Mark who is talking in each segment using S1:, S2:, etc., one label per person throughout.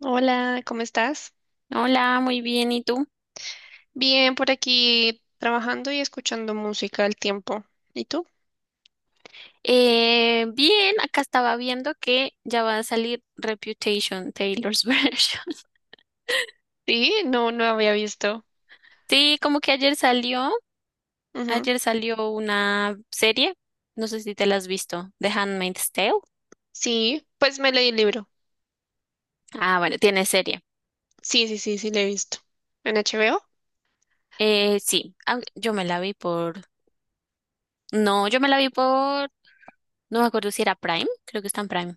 S1: Hola, ¿cómo estás?
S2: Hola, muy bien. ¿Y tú?
S1: Bien, por aquí trabajando y escuchando música al tiempo. ¿Y tú?
S2: Bien, acá estaba viendo que ya va a salir Reputation, Taylor's Version.
S1: Sí, no, no había visto.
S2: Sí, como que
S1: Ujú.
S2: ayer salió una serie, no sé si te la has visto, The Handmaid's Tale.
S1: Sí, pues me leí el libro.
S2: Ah, bueno, tiene serie.
S1: Sí, sí, sí, sí, le he visto. ¿En HBO?
S2: Sí, yo me la vi por, no, yo me la vi por, no me acuerdo si era Prime, creo que está en Prime.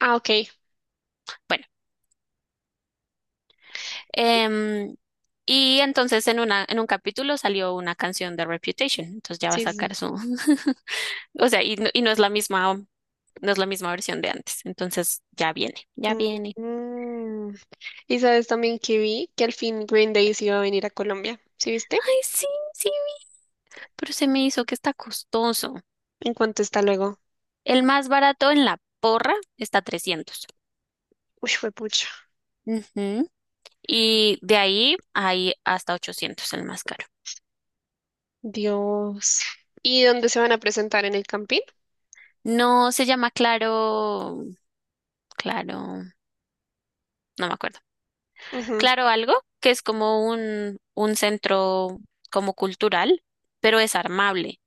S1: Ah, ok.
S2: Bueno, em, y entonces en una, en un capítulo salió una canción de Reputation, entonces ya va a
S1: Sí, sí.
S2: sacar su O sea, y no es la misma, no es la misma versión de antes. Entonces, ya viene,
S1: Sí.
S2: ya viene.
S1: Mm. Y sabes también que vi que al fin Green Day se iba a venir a Colombia. ¿Sí viste?
S2: Ay, sí, sí, pero se me hizo que está costoso.
S1: ¿En cuánto está luego?
S2: El más barato en la porra está trescientos.
S1: Uy, fue pucha.
S2: Ujú. Y de ahí hay hasta ochocientos, el más caro.
S1: Dios. ¿Y dónde se van a presentar? ¿En el Campín?
S2: No se llama Claro, Claro, no me acuerdo.
S1: Ujú.
S2: Claro algo, que es como un centro como cultural, pero es armable.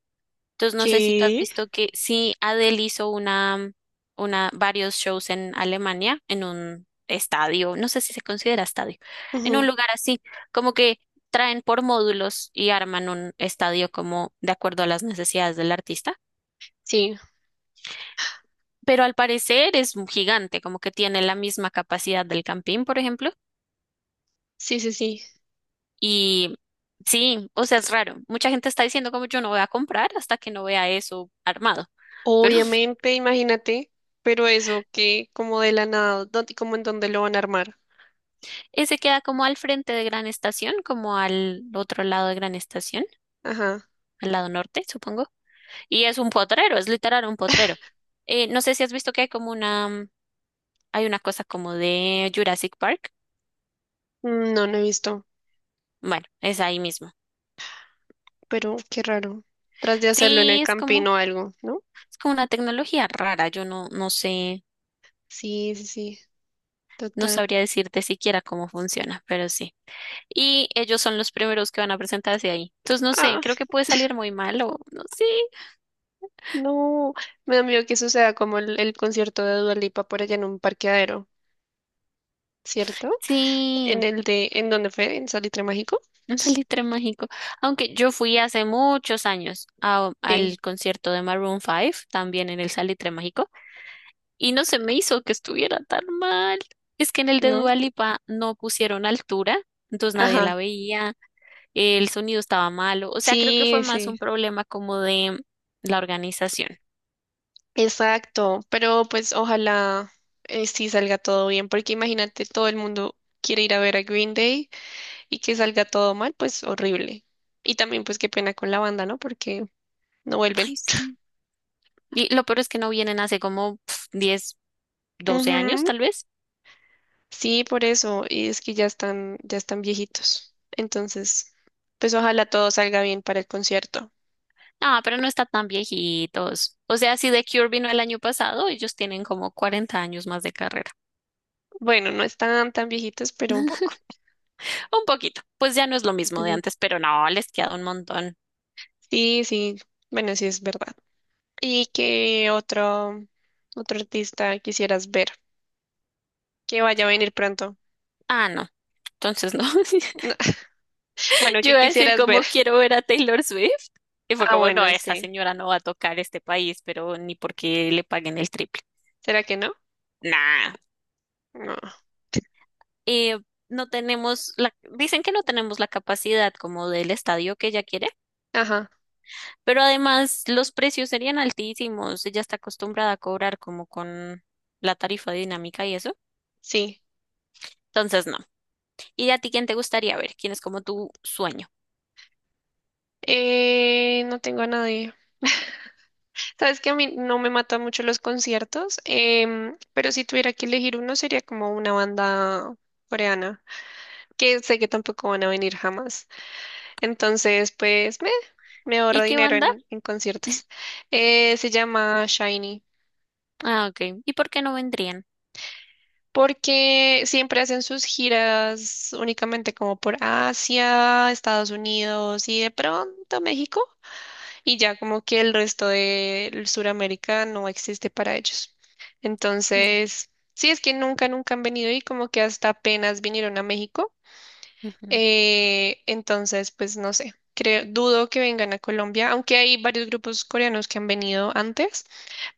S2: Entonces, no sé si tú has
S1: ¿Qué?
S2: visto que sí, Adele hizo una, varios shows en Alemania, en un estadio, no sé si se considera estadio, en un
S1: Ujú.
S2: lugar así, como que traen por módulos y arman un estadio como de acuerdo a las necesidades del artista.
S1: Sí,
S2: Pero al parecer es un gigante, como que tiene la misma capacidad del Campín, por ejemplo.
S1: sí, sí, sí.
S2: Y sí, o sea, es raro. Mucha gente está diciendo como yo no voy a comprar hasta que no vea eso armado. Pero
S1: Obviamente, imagínate, pero eso que como de la nada, ¿dónde, como en dónde lo van a armar?
S2: ese queda como al frente de Gran Estación, como al otro lado de Gran Estación,
S1: Ajá.
S2: al lado norte, supongo. Y es un potrero, es literal un potrero. No sé si has visto que hay como una, hay una cosa como de Jurassic Park.
S1: Mm, no, no he visto,
S2: Bueno, es ahí mismo.
S1: pero qué raro. Tras de hacerlo en el
S2: Sí,
S1: campino o algo, ¿no?
S2: es como una tecnología rara. Yo no, no sé,
S1: Sí, sí, sí,
S2: no
S1: total.
S2: sabría decirte siquiera cómo funciona, pero sí. Y ellos son los primeros que van a presentarse ahí. Entonces, no sé,
S1: Ah,
S2: creo que puede salir muy mal o no sé.
S1: no, me da miedo que suceda como el concierto de Dua Lipa por allá en un parqueadero, ¿cierto?
S2: Sí.
S1: En el de, ¿en dónde fue? ¿En Salitre Mágico?
S2: Un salitre mágico. Aunque yo fui hace muchos años al
S1: Sí,
S2: concierto de Maroon 5, también en el salitre mágico, y no se me hizo que estuviera tan mal. Es que en el de
S1: ¿no?
S2: Dua Lipa no pusieron altura, entonces nadie la
S1: Ajá.
S2: veía, el sonido estaba malo, o sea, creo que fue
S1: Sí,
S2: más
S1: sí.
S2: un problema como de la organización.
S1: Exacto, pero pues ojalá sí salga todo bien, porque imagínate, todo el mundo quiere ir a ver a Green Day y que salga todo mal, pues horrible. Y también pues qué pena con la banda, ¿no? Porque no vuelven.
S2: Ay, sí. Y lo peor es que no vienen hace como 10, 12 años,
S1: Ujú.
S2: tal vez.
S1: Sí, por eso, y es que ya están viejitos. Entonces, pues ojalá todo salga bien para el concierto.
S2: Ah, pero no está tan viejitos. O sea, si The Cure vino el año pasado, ellos tienen como 40 años más de carrera.
S1: Bueno, no están tan viejitos, pero un poco.
S2: Un poquito. Pues ya no es lo mismo de
S1: Ujú.
S2: antes, pero no, les queda un montón.
S1: Sí, sí, bueno, sí es verdad. ¿Y qué otro, otro artista quisieras ver? Que vaya a venir pronto.
S2: Ah, no. Entonces no.
S1: No. Bueno,
S2: Yo
S1: ¿qué
S2: iba a decir
S1: quisieras
S2: como
S1: ver?
S2: quiero ver a Taylor Swift. Y fue
S1: Ah,
S2: como, no,
S1: bueno,
S2: esa
S1: sí.
S2: señora no va a tocar este país, pero ni porque le paguen el triple.
S1: ¿Será que no?
S2: Nah.
S1: No.
S2: Eh, no tenemos la, dicen que no tenemos la capacidad como del estadio que ella quiere.
S1: Ajá,
S2: Pero además los precios serían altísimos. Ella está acostumbrada a cobrar como con la tarifa dinámica y eso.
S1: sí.
S2: Entonces, no. ¿Y a ti quién te gustaría ver? ¿Quién es como tu sueño?
S1: No tengo a nadie. Sabes que a mí no me matan mucho los conciertos. Em, pero si tuviera que elegir uno sería como una banda coreana, que sé que tampoco van a venir jamás. Entonces, pues me
S2: ¿Y
S1: ahorro
S2: qué
S1: dinero
S2: banda?
S1: en conciertos. Se llama Shiny.
S2: Ah, ok. ¿Y por qué no vendrían?
S1: Porque siempre hacen sus giras únicamente como por Asia, Estados Unidos y de pronto México, y ya como que el resto de Sudamérica no existe para ellos.
S2: No.
S1: Entonces, sí, es que nunca, nunca han venido y como que hasta apenas vinieron a México.
S2: Ujú.
S1: Entonces, pues no sé, creo, dudo que vengan a Colombia, aunque hay varios grupos coreanos que han venido antes,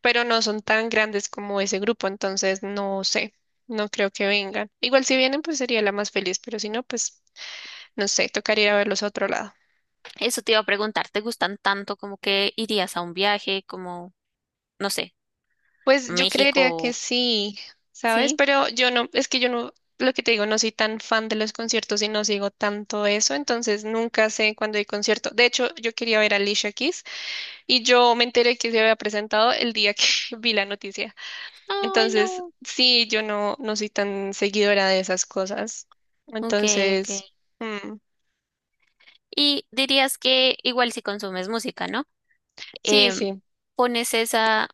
S1: pero no son tan grandes como ese grupo, entonces no sé, no creo que vengan. Igual si vienen, pues sería la más feliz, pero si no, pues no sé, tocaría ir a verlos a otro lado.
S2: Eso te iba a preguntar. ¿Te gustan tanto como que irías a un viaje como, no sé, a
S1: Pues yo creería que
S2: México?
S1: sí, ¿sabes?
S2: Sí.
S1: Pero yo no, es que yo no, lo que te digo, no soy tan fan de los conciertos y no sigo tanto eso, entonces nunca sé cuándo hay concierto. De hecho, yo quería ver a Alicia Keys y yo me enteré que se había presentado el día que vi la noticia.
S2: Ay,
S1: Entonces,
S2: no.
S1: sí, yo no, no soy tan seguidora de esas cosas.
S2: Ok, ok.
S1: Entonces, mm,
S2: Y dirías que igual si consumes música, ¿no?
S1: sí,
S2: em,
S1: sí,
S2: pones esa,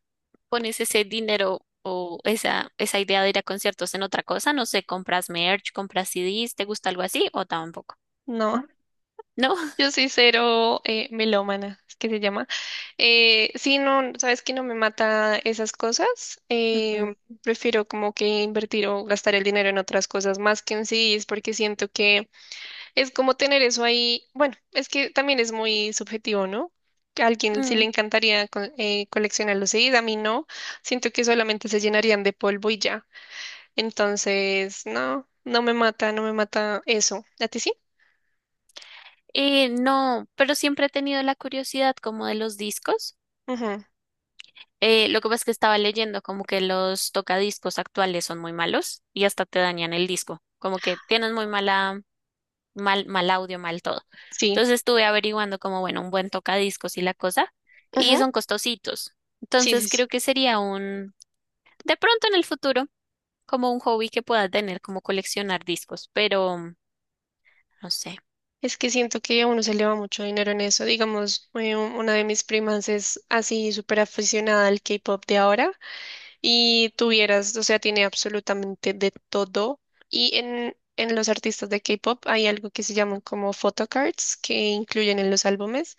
S2: pones ese dinero o esa idea de ir a conciertos en otra cosa, no sé, compras merch, compras CDs, ¿te gusta algo así o tampoco?
S1: no.
S2: ¿No?
S1: Yo soy cero melómana, es que se llama. Sí, no, sabes que no me mata esas cosas.
S2: Ujú.
S1: Prefiero como que invertir o gastar el dinero en otras cosas más que en CDs, porque siento que es como tener eso ahí, bueno, es que también es muy subjetivo, ¿no? Que a alguien sí le
S2: Mm.
S1: encantaría coleccionar los CDs, a mí no. Siento que solamente se llenarían de polvo y ya. Entonces, no, no me mata, no me mata eso. ¿A ti sí?
S2: No, pero siempre he tenido la curiosidad como de los discos.
S1: Ujú.
S2: Lo que pasa es que estaba leyendo como que los tocadiscos actuales son muy malos y hasta te dañan el disco, como que tienen muy mala mal, mal audio, mal todo.
S1: Sí,
S2: Entonces estuve averiguando como, bueno, un buen tocadiscos y la cosa, y
S1: ujú.
S2: son costositos.
S1: Sí, sí,
S2: Entonces
S1: sí.
S2: creo que sería un, de pronto en el futuro, como un hobby que pueda tener, como coleccionar discos, pero no sé.
S1: Es que siento que a uno se le va mucho dinero en eso. Digamos, una de mis primas es así súper aficionada al K-pop de ahora. Y tuvieras, o sea, tiene absolutamente de todo. Y en los artistas de K-pop hay algo que se llaman como photocards que incluyen en los álbumes,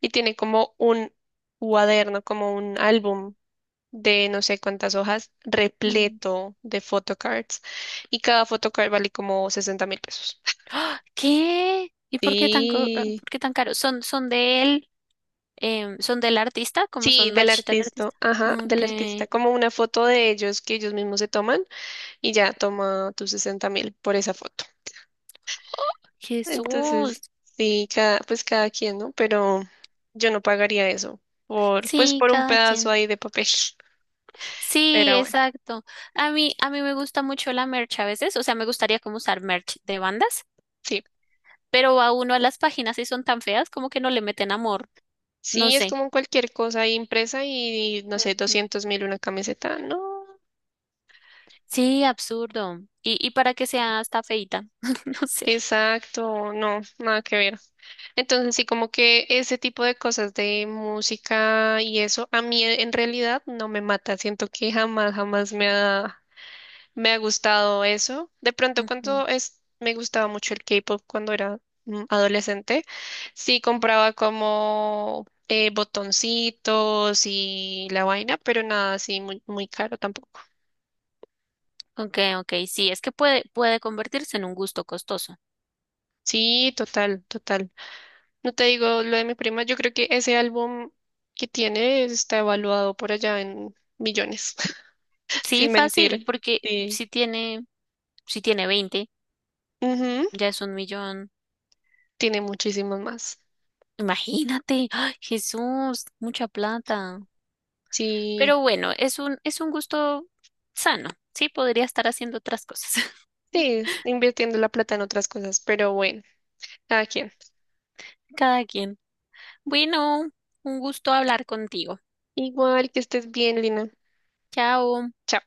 S1: y tiene como un cuaderno, como un álbum de no sé cuántas hojas
S2: Mm.
S1: repleto de photocards, y cada photocard vale como 60.000 pesos.
S2: ¡Ah! ¿Qué? ¿Y por qué tan,
S1: Sí.
S2: por qué tan caro? ¿Son, son de él? ¿Son del artista? ¿Cómo
S1: Sí,
S2: son
S1: del
S2: merch del
S1: artista,
S2: artista?
S1: ajá, del
S2: Ok.
S1: artista, como una foto de ellos que ellos mismos se toman y ya toma tus 60.000 por esa foto.
S2: Jesús.
S1: Entonces, sí, cada, pues cada quien, ¿no? Pero yo no pagaría eso por, pues
S2: Sí,
S1: por un
S2: cada
S1: pedazo
S2: quien.
S1: ahí de papel.
S2: Sí,
S1: Pero bueno,
S2: exacto. A mí me gusta mucho la merch a veces, o sea, me gustaría como usar merch de bandas,
S1: sí.
S2: pero a uno a las páginas y son tan feas como que no le meten amor, no
S1: Sí, es
S2: sé.
S1: como cualquier cosa ahí impresa y, no sé,
S2: Ujú.
S1: 200.000 una camiseta. No,
S2: Sí, absurdo. Y para que sea hasta feita, no sé.
S1: exacto, no, nada que ver. Entonces, sí, como que ese tipo de cosas de música y eso, a mí en realidad no me mata. Siento que jamás, jamás me ha me ha gustado eso. De pronto,
S2: Ujú.
S1: cuando es, me gustaba mucho el K-pop cuando era adolescente, sí compraba como botoncitos y la vaina, pero nada así muy, muy caro tampoco.
S2: Ok, ok, sí, es que puede, puede convertirse en un gusto costoso.
S1: Sí, total, total. No te digo, lo de mi prima, yo creo que ese álbum que tiene está evaluado por allá en millones,
S2: Sí,
S1: sin
S2: fácil,
S1: mentir.
S2: porque
S1: Sí.
S2: si tiene, si tiene veinte,
S1: Ujú.
S2: ya es un millón.
S1: Tiene muchísimos más.
S2: Imagínate, ¡ay, Jesús, mucha plata!
S1: Sí,
S2: Pero bueno, es un gusto sano, ¿sí? Podría estar haciendo otras cosas.
S1: sí, es invirtiendo la plata en otras cosas, pero bueno. Cada quien.
S2: Cada quien. Bueno, un gusto hablar contigo.
S1: Igual que estés bien, Lina.
S2: Chao.
S1: Chao.